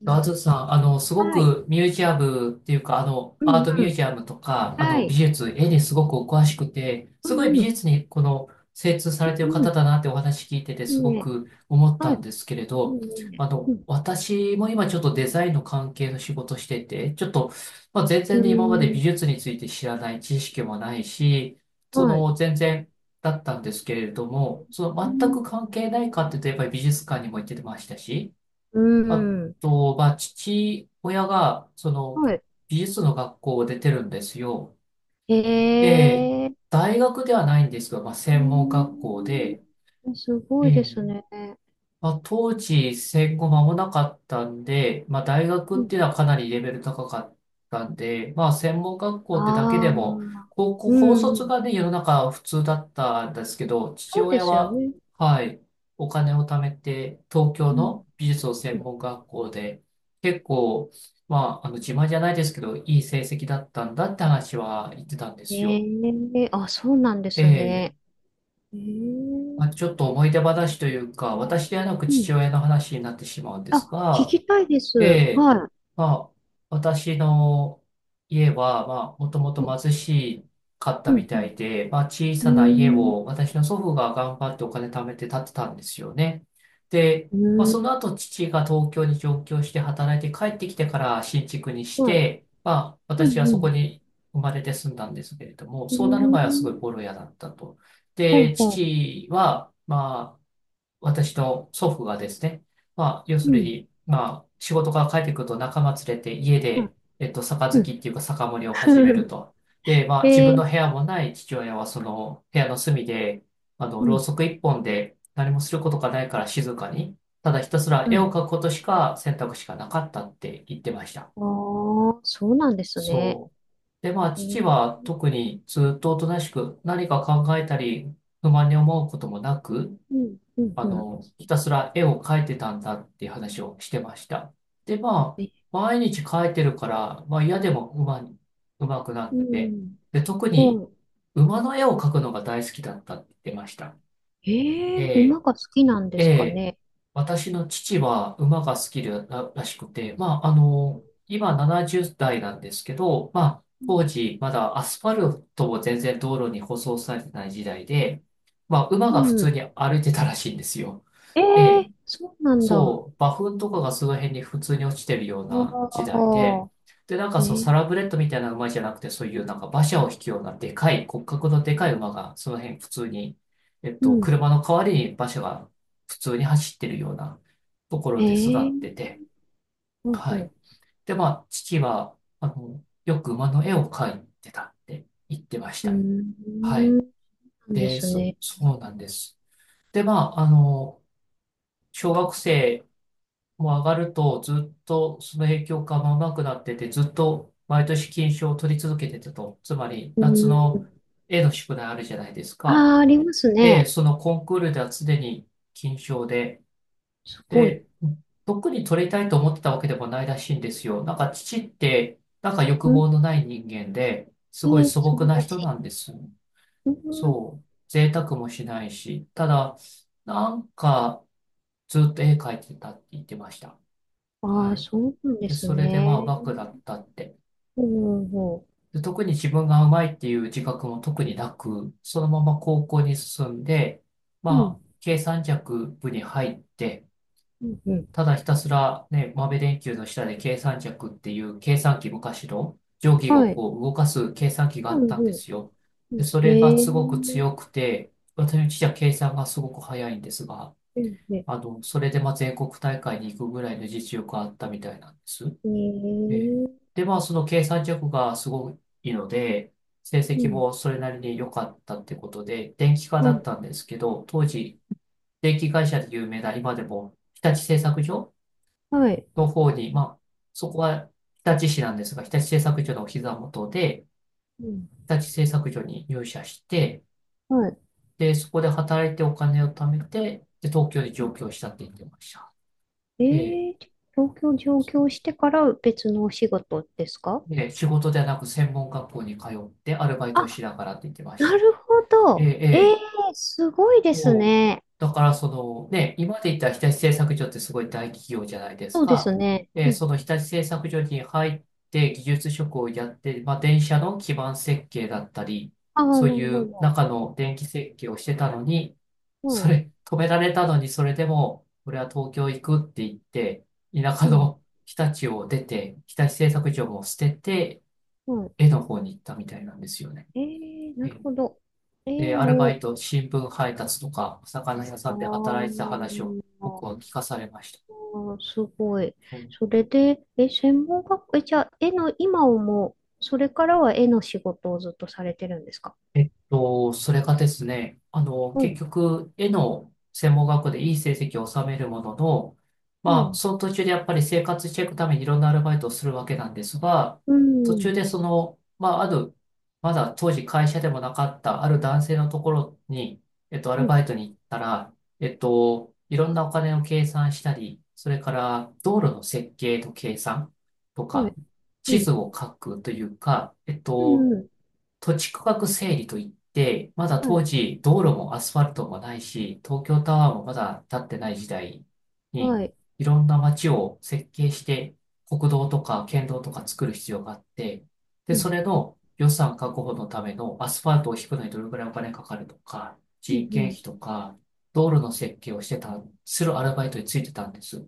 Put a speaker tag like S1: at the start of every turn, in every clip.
S1: う
S2: ガ
S1: ん。
S2: ーズさん、すご
S1: はい。
S2: くミュージアムっていうか、
S1: う
S2: アー
S1: ん
S2: ト
S1: う
S2: ミュー
S1: ん。
S2: ジアムとか、
S1: は
S2: 美
S1: い。
S2: 術、絵にすごくお詳しくて、
S1: う
S2: すごい美
S1: んうん。
S2: 術にこの精通さ
S1: う
S2: れている
S1: んう
S2: 方
S1: ん。
S2: だなってお話聞いてて
S1: いい
S2: すご
S1: ね。
S2: く思っ
S1: は
S2: た
S1: い。
S2: んですけれ
S1: いい
S2: ど、
S1: ね。うん。
S2: 私も今ちょっとデザインの関係の仕事してて、ちょっと、まあ、全
S1: う
S2: 然
S1: ー
S2: ね、今まで美
S1: ん。
S2: 術について知らない知識もないし、そ
S1: はい。
S2: の、全然、だったんですけれども、そ
S1: う
S2: の全
S1: ん。
S2: く関係ないかって言うと、やっぱり美術館にも行ってましたし、
S1: う
S2: あ
S1: ーん。
S2: と、まあ、父親が、その、
S1: はい。
S2: 美術の学校を出てるんですよ。
S1: へ
S2: えー
S1: え。へ
S2: 大学ではないんですが、まあ、専門学校で、
S1: え。す
S2: え
S1: ごいです
S2: ー
S1: ね。
S2: まあ、当時戦後間もなかったんで、まあ、大
S1: う
S2: 学っ
S1: ん。
S2: ていうのはかなりレベル高かったんで、まあ、専門学校ってだけ
S1: ああ。
S2: で
S1: う
S2: も、
S1: ん
S2: 高校、
S1: う
S2: 高卒
S1: ん。
S2: がね、世の中普通だったんですけど、父
S1: そうで
S2: 親
S1: すよ
S2: は、
S1: ね。
S2: はい、お金を貯めて、東京
S1: うん。
S2: の美術の
S1: う
S2: 専
S1: ん。
S2: 門学校で、結構、まあ、自慢じゃないですけど、いい成績だったんだって話は言ってたんです
S1: へ
S2: よ。
S1: え。あ、そうなんで
S2: え
S1: す
S2: え、
S1: ね。へ
S2: ま
S1: え。
S2: あ、ちょっと思い出話というか、
S1: あ
S2: 私ではなく
S1: ーう
S2: 父
S1: ん。
S2: 親の話になってしまうんで
S1: あ、
S2: す
S1: 聞
S2: が、
S1: きたいです。
S2: で、
S1: は
S2: まあ、私の家は、まあ、もともと
S1: い。うん。
S2: 貧しかっ
S1: う
S2: たみ
S1: ん。
S2: たいで、まあ、小
S1: う
S2: さな家
S1: ん。うーん
S2: を私の祖父が頑張ってお金貯めて建てたんですよね。で、
S1: う
S2: まあ、
S1: ー
S2: その
S1: ん。
S2: 後父が東京に上京して働いて帰ってきてから新築にし
S1: はい。
S2: て、まあ、
S1: う
S2: 私は
S1: んう
S2: そこ
S1: ん。
S2: に生まれて住んだんですけれども、
S1: うー
S2: そうなる前はすごい
S1: ん。
S2: ボロ屋だったと。
S1: ほう
S2: で、
S1: ほ
S2: 父は、まあ、私の祖父がですね、まあ、要
S1: う。
S2: す
S1: う
S2: る
S1: ん。
S2: に、まあ、仕事から帰ってくると仲間連れて家
S1: は
S2: で、
S1: い。
S2: 杯
S1: う
S2: っていうか酒盛り
S1: ん。
S2: を始める と。で、まあ、自
S1: え
S2: 分の
S1: ー、
S2: 部屋もない父親はその部屋の隅で、
S1: う
S2: ろう
S1: ん。
S2: そく一本で何もすることがないから静かに、ただひたすら
S1: う
S2: 絵を
S1: ん。
S2: 描くことしか選択肢がなかったって言ってました。
S1: ああ、そうなんですね。
S2: そう。で、まあ、
S1: え
S2: 父
S1: ー、
S2: は特にずっとおとなしく何か考えたり、不満に思うこともなく、
S1: うん。うん。うん。
S2: ひたすら絵を描いてたんだっていう話をしてました。で、まあ、
S1: え
S2: 毎日描いてるから、まあ嫌でもうまに、うまくな
S1: う
S2: って、
S1: ん。
S2: で、特
S1: ほ
S2: に
S1: う。
S2: 馬の絵を描くのが大好きだったって言ってました。
S1: えー、馬
S2: え
S1: が好きなんで
S2: ー、
S1: すか
S2: えー
S1: ね。
S2: 私の父は馬が好きら、らしくて、まあ、今70代なんですけど、まあ、
S1: うん。
S2: 当時まだアスファルトも全然道路に舗装されてない時代で、まあ、馬
S1: う
S2: が普通
S1: ん。
S2: に歩いてたらしいんですよ。
S1: え
S2: え
S1: ー、
S2: え、
S1: そうなんだ。あ
S2: そう、馬糞とかがその辺に普通に落ちてるような時代で、
S1: あ、
S2: で、なんか
S1: え
S2: そう、
S1: ー、
S2: サラブレッドみたいな馬じゃなくて、そういうなんか馬車を引くようなでかい、骨格のでかい馬が、その辺普通に、
S1: うん。
S2: 車の代わりに馬車が普通に走ってるようなところ
S1: え
S2: で育って
S1: ー、
S2: て、
S1: ほう
S2: はい。
S1: ほ
S2: で、まあ、父は、よく馬の絵を描いてたって言ってまし
S1: う。う
S2: た。
S1: ー
S2: は
S1: ん。
S2: い。
S1: なんで
S2: で、
S1: すね。
S2: そうなんです。で、まあ、小学生もう上がると、ずっとその影響がもうなくなってて、ずっと毎年金賞を取り続けてたと。つまり、
S1: う
S2: 夏の
S1: ん。
S2: 絵の宿題あるじゃないですか。
S1: ああ、あります
S2: で、
S1: ね。
S2: そのコンクールでは常に金賞で、
S1: すごい。
S2: で、特に取りたいと思ってたわけでもないらしいんですよ。なんか父って、なんか欲
S1: うん。
S2: 望のない人間で、す
S1: え
S2: ごい
S1: え、
S2: 素
S1: 素
S2: 朴
S1: 晴
S2: な
S1: ら
S2: 人
S1: しい。
S2: なんです。
S1: うん。
S2: そう。贅沢もしないし。ただ、なんか、ずっと絵描いてたって言ってました。
S1: あ
S2: は
S1: あ、
S2: い。
S1: そうなんで
S2: で、
S1: す
S2: それでまあう
S1: ね。
S2: まくなったって。
S1: ほうほう
S2: で、特に自分がうまいっていう自覚も特になく、そのまま高校に進んで、
S1: う。
S2: まあ、
S1: ん。
S2: 計算尺部に入って、
S1: うん、うん。
S2: ただひたすらね、豆電球の下で計算尺っていう計算機昔の定規を
S1: はい。
S2: こう動かす計算機があ
S1: うん、
S2: ったん
S1: う
S2: で
S1: ん。
S2: すよ。
S1: う
S2: で、
S1: ん。
S2: それが
S1: ええ。
S2: すごく
S1: う
S2: 強くて、私の父は計算がすごく早いんですが、
S1: ん、ね。
S2: それでまあ全国大会に行くぐらいの実力があったみたいなんです。
S1: え
S2: えー
S1: え。
S2: で、まあ、その計算力がすごいので、成
S1: う
S2: 績
S1: ん。
S2: もそれなりに良かったってことで、電気科
S1: う
S2: だっ
S1: ん。
S2: たんですけど、当時、電気会社で有名な今でも、日立製作所
S1: はい。
S2: の方に、まあ、そこは日立市なんですが、日立製作所のお膝元で、
S1: うん。
S2: 日立製作所に入社して、
S1: はい。
S2: で、そこで働いてお金を貯めて、で、東京に
S1: う
S2: 上
S1: ん、
S2: 京したって言ってました。
S1: え
S2: えー
S1: え、東京上京してから別のお仕事ですか？
S2: で、仕事ではなく専門学校に通ってアルバイトを
S1: あ、
S2: しながらって言ってまし
S1: な
S2: た。
S1: るほ
S2: え
S1: ど。
S2: え
S1: ええ、
S2: え
S1: すごいです
S2: もう、
S1: ね。
S2: だからそのね、今まで言った日立製作所ってすごい大企業じゃないです
S1: そうで
S2: か。
S1: すね。う
S2: で、そ
S1: ん。
S2: の日立製作所に入って技術職をやって、まあ、電車の基盤設計だったり、
S1: ああ、
S2: そう
S1: なる
S2: い
S1: ほ
S2: う
S1: ど。
S2: 中の電気設計をしてたのに、
S1: は
S2: そ
S1: い。
S2: れ、止められたのに、それでも、俺は東京行くって言って、田舎
S1: うん。
S2: の日立を出て、日立製作所も捨てて、
S1: はい。
S2: 絵の方に行ったみたいなんですよね。
S1: えー、なるほど。絵
S2: で、アルバイ
S1: の、
S2: ト、新聞配達とか、お魚屋さ
S1: あ
S2: んで働いてた話を
S1: ー
S2: 僕は
S1: あ
S2: 聞かされまし
S1: ー、すごい。そ
S2: た。
S1: れで、専門学校、じゃあ、絵の今をもう、それからは絵の仕事をずっとされてるんですか？
S2: それがですね、
S1: は
S2: 結
S1: い。
S2: 局、絵の専門学校でいい成績を収めるものの、
S1: う
S2: まあ、
S1: ん。
S2: その途中でやっぱり生活していくためにいろんなアルバイトをするわけなんですが、
S1: う
S2: 途中
S1: ん。
S2: でその、まあ、ある、まだ当時会社でもなかったある男性のところに、ア
S1: う
S2: ルバイ
S1: ん。
S2: トに行ったら、いろんなお金を計算したり、それから道路の設計と計算と
S1: は
S2: か、
S1: い。う
S2: 地図
S1: ん。
S2: を書くというか、
S1: うん。うん。
S2: 土地区画整理といって、まだ
S1: は
S2: 当
S1: い。
S2: 時道路もアスファルトもないし、東京タワーもまだ建ってない時代に、
S1: はい。
S2: いろんな街を設計して、国道とか県道とか作る必要があって、で、
S1: うん。
S2: それの予算確保のためのアスファルトを引くのにどれくらいお金かかるとか、
S1: う
S2: 人件
S1: ん。
S2: 費とか、道路の設計をしてた、するアルバイトについてたんです。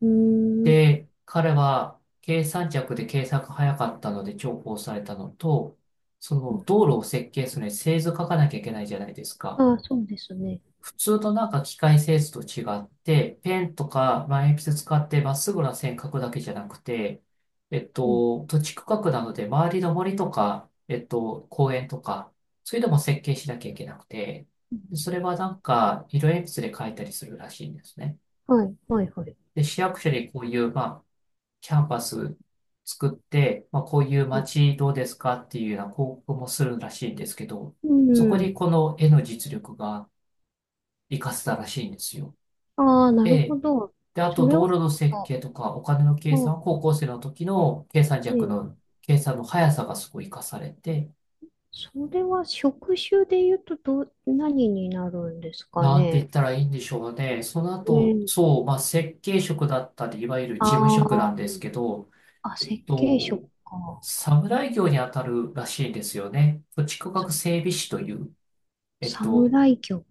S1: うん。う
S2: で、彼は計算尺で計算が早かったので重宝されたのと、そ
S1: ー
S2: の
S1: ん。
S2: 道路を設計するのに製図書かなきゃいけないじゃないですか。
S1: ああ、そうですね。
S2: 普通のなんか機械製図と違って、ペンとか、まあ、鉛筆使ってまっすぐな線描くだけじゃなくて、
S1: うん。
S2: 土地区画なので周りの森とか、公園とか、そういうのも設計しなきゃいけなくて、
S1: うん。
S2: それはなんか色鉛筆で描いたりするらしいんですね。
S1: はい。はい。はい。
S2: で、市役所にこういう、まあ、キャンパス作って、まあ、こういう
S1: う
S2: 街どうですかっていうような広告もするらしいんですけど、
S1: ん。う
S2: そこに
S1: ん。
S2: この絵の実力が活かせたらしいんですよ。
S1: ああ、なるほ
S2: で、
S1: ど。
S2: で、あ
S1: そ
S2: と
S1: れは、
S2: 道路の
S1: なん
S2: 設
S1: か、
S2: 計とかお金の計
S1: まあ、
S2: 算は高校生の時の計算弱
S1: ええ、
S2: の計算の速さがすごい活かされて、
S1: それは職種で言うとどう、何になるんですか
S2: なんて言
S1: ね。
S2: ったらいいんでしょうね。その
S1: う
S2: 後、
S1: ん。
S2: そう、まあ、設計職だったり、いわゆる
S1: あ
S2: 事務職な
S1: あ、
S2: んですけど、
S1: あ、
S2: えっ
S1: 設計職
S2: と、
S1: か。
S2: 侍業に当たるらしいんですよね。土地区
S1: さ
S2: 画整備士という、えっと、
S1: 侍業。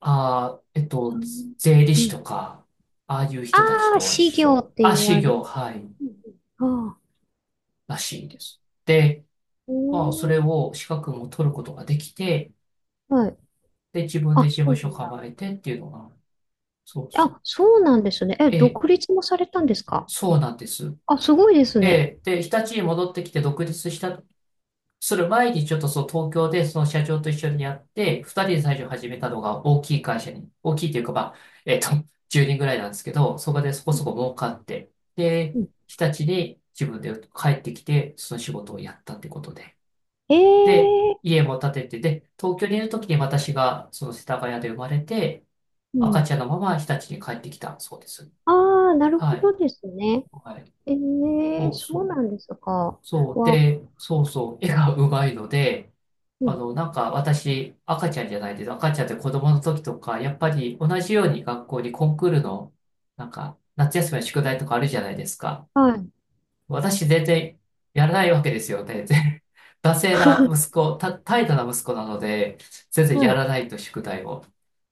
S2: あー、えっ
S1: さ
S2: と、
S1: ん
S2: 税理
S1: う
S2: 士
S1: ん。
S2: とか、ああいう人たち
S1: ああ、
S2: と一
S1: 士業
S2: 緒。
S1: って
S2: あ、
S1: 言
S2: 士
S1: われる。
S2: 業、はい、
S1: うん。あ、
S2: らしいです。で、
S1: う
S2: まあ、そ
S1: ん。へ
S2: れ
S1: え。
S2: を資格も取ることができて、
S1: あ、はい。
S2: で、自分で
S1: あ、
S2: 事
S1: そ
S2: 務
S1: う
S2: 所
S1: なんだ。
S2: 構えてっていうのが、そうそう。
S1: あ、そうなんですね。
S2: ええ、
S1: 独立もされたんですか？
S2: そうなんです。
S1: あ、すごいですね。
S2: で、で、日立に戻ってきて独立した、する前にちょっとそう東京でその社長と一緒にやって、二人で最初始めたのが大きい会社に、大きいというかまあ、えっと、10人ぐらいなんですけど、そこでそこそこ儲かって、
S1: う
S2: で、
S1: ん。
S2: 日立に自分で帰ってきて、その仕事をやったってことで。
S1: え
S2: で、
S1: え。
S2: 家も建てて、で、東京にいる時に私がその世田谷で生まれて、
S1: う
S2: 赤
S1: ん。
S2: ちゃんのまま日立に帰ってきたそうです。
S1: ああ、なるほ
S2: はい。
S1: どですね。
S2: はい。
S1: え
S2: そ
S1: え、
S2: う
S1: そ
S2: そ
S1: うな
S2: う。
S1: んですか？
S2: そう。
S1: は、
S2: で、そうそう。絵がうまいので、
S1: う
S2: あ
S1: ん。
S2: の、なんか私、赤ちゃんじゃないです。赤ちゃんって子供の時とか、やっぱり同じように学校にコンクールの、なんか、夏休みの宿題とかあるじゃないですか。
S1: はい、
S2: 私、全然やらないわけですよね。で 惰性な息子、た、怠惰な息子なので、全然
S1: は
S2: や
S1: い、
S2: らないと宿題を。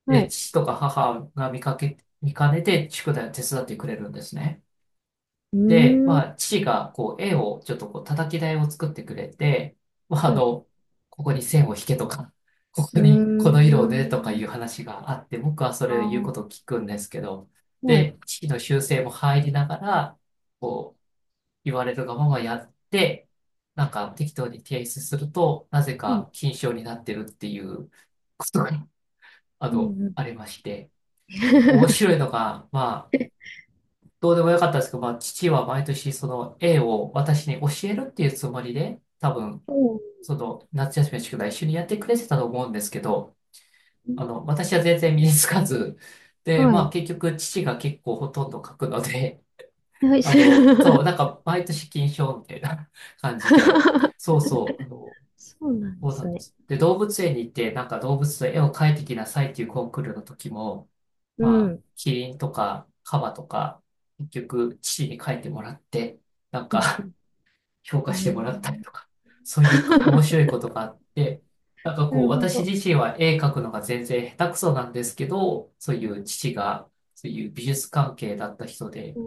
S1: は
S2: で、
S1: い。
S2: 父とか母が見かけ、見かねて宿題を手伝ってくれるんですね。
S1: うー
S2: で、
S1: ん、
S2: まあ、父が、こう、絵を、ちょっとこう、叩き台を作ってくれて、まあ、
S1: は
S2: あ
S1: い、
S2: の、ここに線を引けとか、ここ
S1: うー
S2: に、この色をね、とか
S1: ん、
S2: いう話があって、僕はそ
S1: あ
S2: れを言うことを
S1: あ、
S2: 聞くんですけど、
S1: はい、
S2: で、父の修正も入りながら、こう、言われるがままやって、なんか、適当に提出すると、なぜ
S1: うん、
S2: か、金賞になってるっていうことが、あ
S1: う
S2: の、
S1: ん、う
S2: あ
S1: ん。
S2: りまして、面 白いのが、まあ、どうでもよかったんですけど、まあ、父は毎年その絵を私に教えるっていうつもりで、多分、
S1: そ
S2: その夏休みの宿題一緒にやってくれてたと思うんですけど、
S1: うね。
S2: あの、私は全然身につかず、で、
S1: は
S2: まあ
S1: い、
S2: 結局父が結構ほとんど描くので、
S1: はい、
S2: あ
S1: それ
S2: の、そ
S1: は
S2: う、なんか毎年金賞みたいな 感じで、そうそう、あの、
S1: そうなんで
S2: そうな
S1: す
S2: んで
S1: ね。
S2: す。で、動物園に行って、なんか動物の絵を描いてきなさいっていうコンクールの時も、
S1: う
S2: まあ、
S1: ん、
S2: キリンとかカバとか、結局、父に書いてもらって、なん
S1: うん、
S2: か 評
S1: う
S2: 価
S1: ん、う
S2: してもらったり
S1: ん。
S2: とか、そういう面白い ことがあって、なんか
S1: な
S2: こ
S1: る
S2: う、
S1: ほ
S2: 私
S1: ど。
S2: 自身は絵描くのが全然下手くそなんですけど、そういう父が、そういう美術関係だった人で、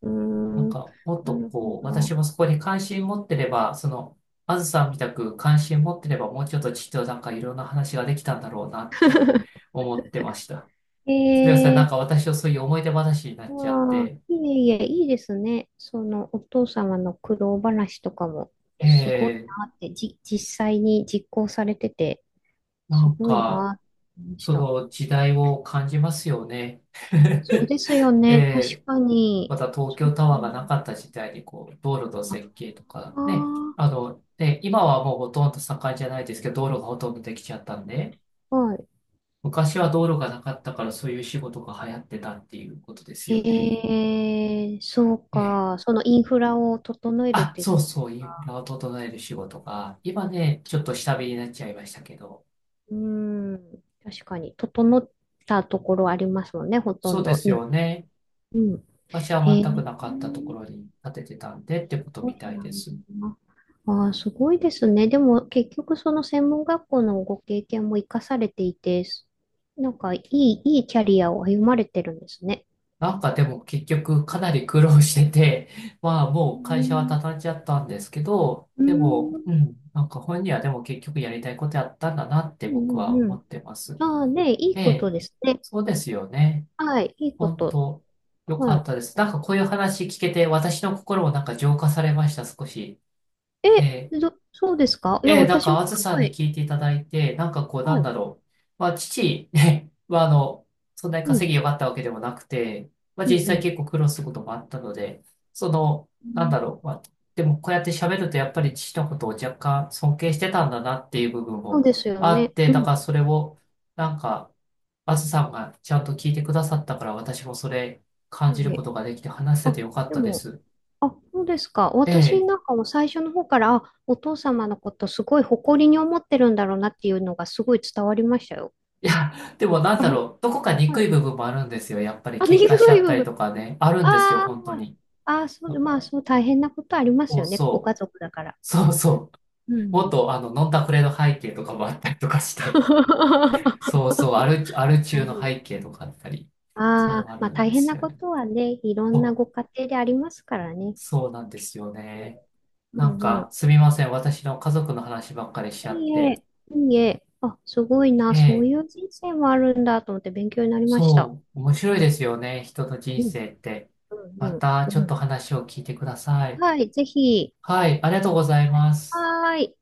S1: う
S2: なん
S1: ん、うん。
S2: かもっ
S1: な
S2: と
S1: る
S2: こう、
S1: ほ
S2: 私
S1: ど。
S2: もそこに関心持ってれば、その、あずさんみたく関心持ってれば、もうちょっと父となんかいろんな話ができたんだろうなって 思ってました。すみません。なん
S1: えー。
S2: か私はそういう思い出話になっちゃっ
S1: ああ、
S2: て、
S1: いえいえ、いいですね。そのお父様の苦労話とかも、すごい
S2: ええ、
S1: なって、実際に実行されてて、
S2: な
S1: す
S2: ん
S1: ごい
S2: か、
S1: なって思いまし
S2: そ
S1: た。
S2: の時代を感じますよね。
S1: そうですよ
S2: え
S1: ね。
S2: え、
S1: 確か
S2: ま
S1: に。
S2: た東
S1: そ
S2: 京
S1: う
S2: タワーがなかった時代に、こう、道路の
S1: か
S2: 設計とか、ね、
S1: な。あ
S2: あの、ね、今はもうほとんど盛んじゃないですけど、道路がほとんどできちゃったんで、
S1: あ、はい。
S2: 昔は道路がなかったからそういう仕事が流行ってたっていうことですよね。
S1: へえ、そう
S2: え
S1: か。
S2: え、
S1: そのインフラを整えるっ
S2: あ、
S1: ていう
S2: そ
S1: と
S2: う
S1: こ
S2: そう、イ
S1: ろ
S2: ンフ
S1: が、
S2: ラを整える仕事が、今ね、ちょっと下火になっちゃいましたけど、
S1: うん、確かに、整ったところありますもんね、ほと
S2: そ
S1: ん
S2: うで
S1: ど
S2: す
S1: に。
S2: よね。
S1: うん。
S2: 私は
S1: へ
S2: 全く
S1: え。
S2: なかったところに建ててたんでってこと
S1: ご
S2: み
S1: い
S2: たい
S1: な。
S2: です。
S1: ああ、すごいですね。でも結局その専門学校のご経験も生かされていて、なんかいい、いいキャリアを歩まれてるんですね。
S2: なんかでも結局かなり苦労してて、まあも
S1: う
S2: う会社は
S1: ん、
S2: 畳んじゃったんですけど、
S1: う
S2: で
S1: ん、う
S2: も、
S1: ん。
S2: うん、なんか本人はでも結局やりたいことやったんだなって僕は
S1: う
S2: 思
S1: ん。
S2: ってます。
S1: ああ、ね、いい
S2: え
S1: こと
S2: え、
S1: ですね。
S2: そうですよね。
S1: はい、いいこ
S2: 本
S1: と。
S2: 当よか
S1: は
S2: っ
S1: い。
S2: たです。なんかこういう話聞けて私の心もなんか浄化されました、少し。え
S1: え、
S2: え、
S1: そうですか。いや、
S2: ええ、なん
S1: 私も
S2: か、
S1: す
S2: あずさん
S1: ご
S2: に
S1: い。
S2: 聞いていただいて、なんかこう、な
S1: は
S2: んだ
S1: い。
S2: ろう。まあ、父、ね、は、あの、そんなに
S1: う
S2: 稼
S1: ん、
S2: ぎ良かったわけでもなくて、まあ、
S1: うん、
S2: 実
S1: う
S2: 際
S1: ん。
S2: 結構苦労することもあったので、その、なんだろう。まあ、でも、こうやって喋ると、やっぱり父のことを若干尊敬してたんだなっていう部分
S1: そう
S2: も
S1: ですよ
S2: あっ
S1: ね。
S2: て、
S1: う
S2: だか
S1: ん。
S2: らそれを、なんか、あずさんがちゃんと聞いてくださったから、私もそれ
S1: い
S2: 感
S1: い
S2: じるこ
S1: ね。
S2: とができて話せ
S1: あ、
S2: てよかっ
S1: で
S2: たで
S1: も、
S2: す。
S1: あ、そうですか。私
S2: え
S1: な
S2: え、
S1: んかも最初の方から、あ、お父様のことすごい誇りに思ってるんだろうなっていうのがすごい伝わりましたよ。
S2: いや、でもなん
S1: あ、
S2: だ
S1: はい。
S2: ろう、どこか
S1: は
S2: 憎い
S1: い。
S2: 部分もあるんですよ。やっぱり
S1: あ、ね、
S2: 喧
S1: いい
S2: 嘩しちゃった
S1: 部
S2: り
S1: 分。
S2: とかね、あるんですよ、
S1: あ
S2: 本当
S1: ー
S2: に。
S1: あー、そ
S2: だ
S1: う、
S2: か
S1: まあ
S2: ら、
S1: そう大変なことありま
S2: そ
S1: す
S2: う
S1: よね。ご
S2: そう、
S1: 家族だから。
S2: そうそ
S1: う
S2: う、もっ
S1: ん。
S2: とあの、飲んだくれの背景とかもあったりとかして、そうそう、アル
S1: な
S2: 中
S1: る
S2: の
S1: ほど。
S2: 背景とかあったり、そ
S1: あ
S2: う
S1: あ、
S2: あ
S1: まあ
S2: るん
S1: 大
S2: で
S1: 変
S2: す
S1: な
S2: よ
S1: こ
S2: ね。
S1: とはね、いろんな
S2: そう、
S1: ご家庭でありますからね。
S2: そうなんですよね。
S1: う
S2: なん
S1: んう
S2: か、
S1: ん。
S2: すみません、私の家族の話ばっかりしちゃっ
S1: いい
S2: て。
S1: え、いいえ。あ、すごいな。
S2: え
S1: そう
S2: え、
S1: いう人生もあるんだと思って勉強になりました。
S2: そう、面白いですよね、人の人
S1: うん
S2: 生って。
S1: うん
S2: また、
S1: う
S2: ち
S1: ん
S2: ょ
S1: う
S2: っと
S1: ん。
S2: 話を聞いてください。
S1: はい、ぜひ。
S2: はい、ありがとうございます。
S1: はーい。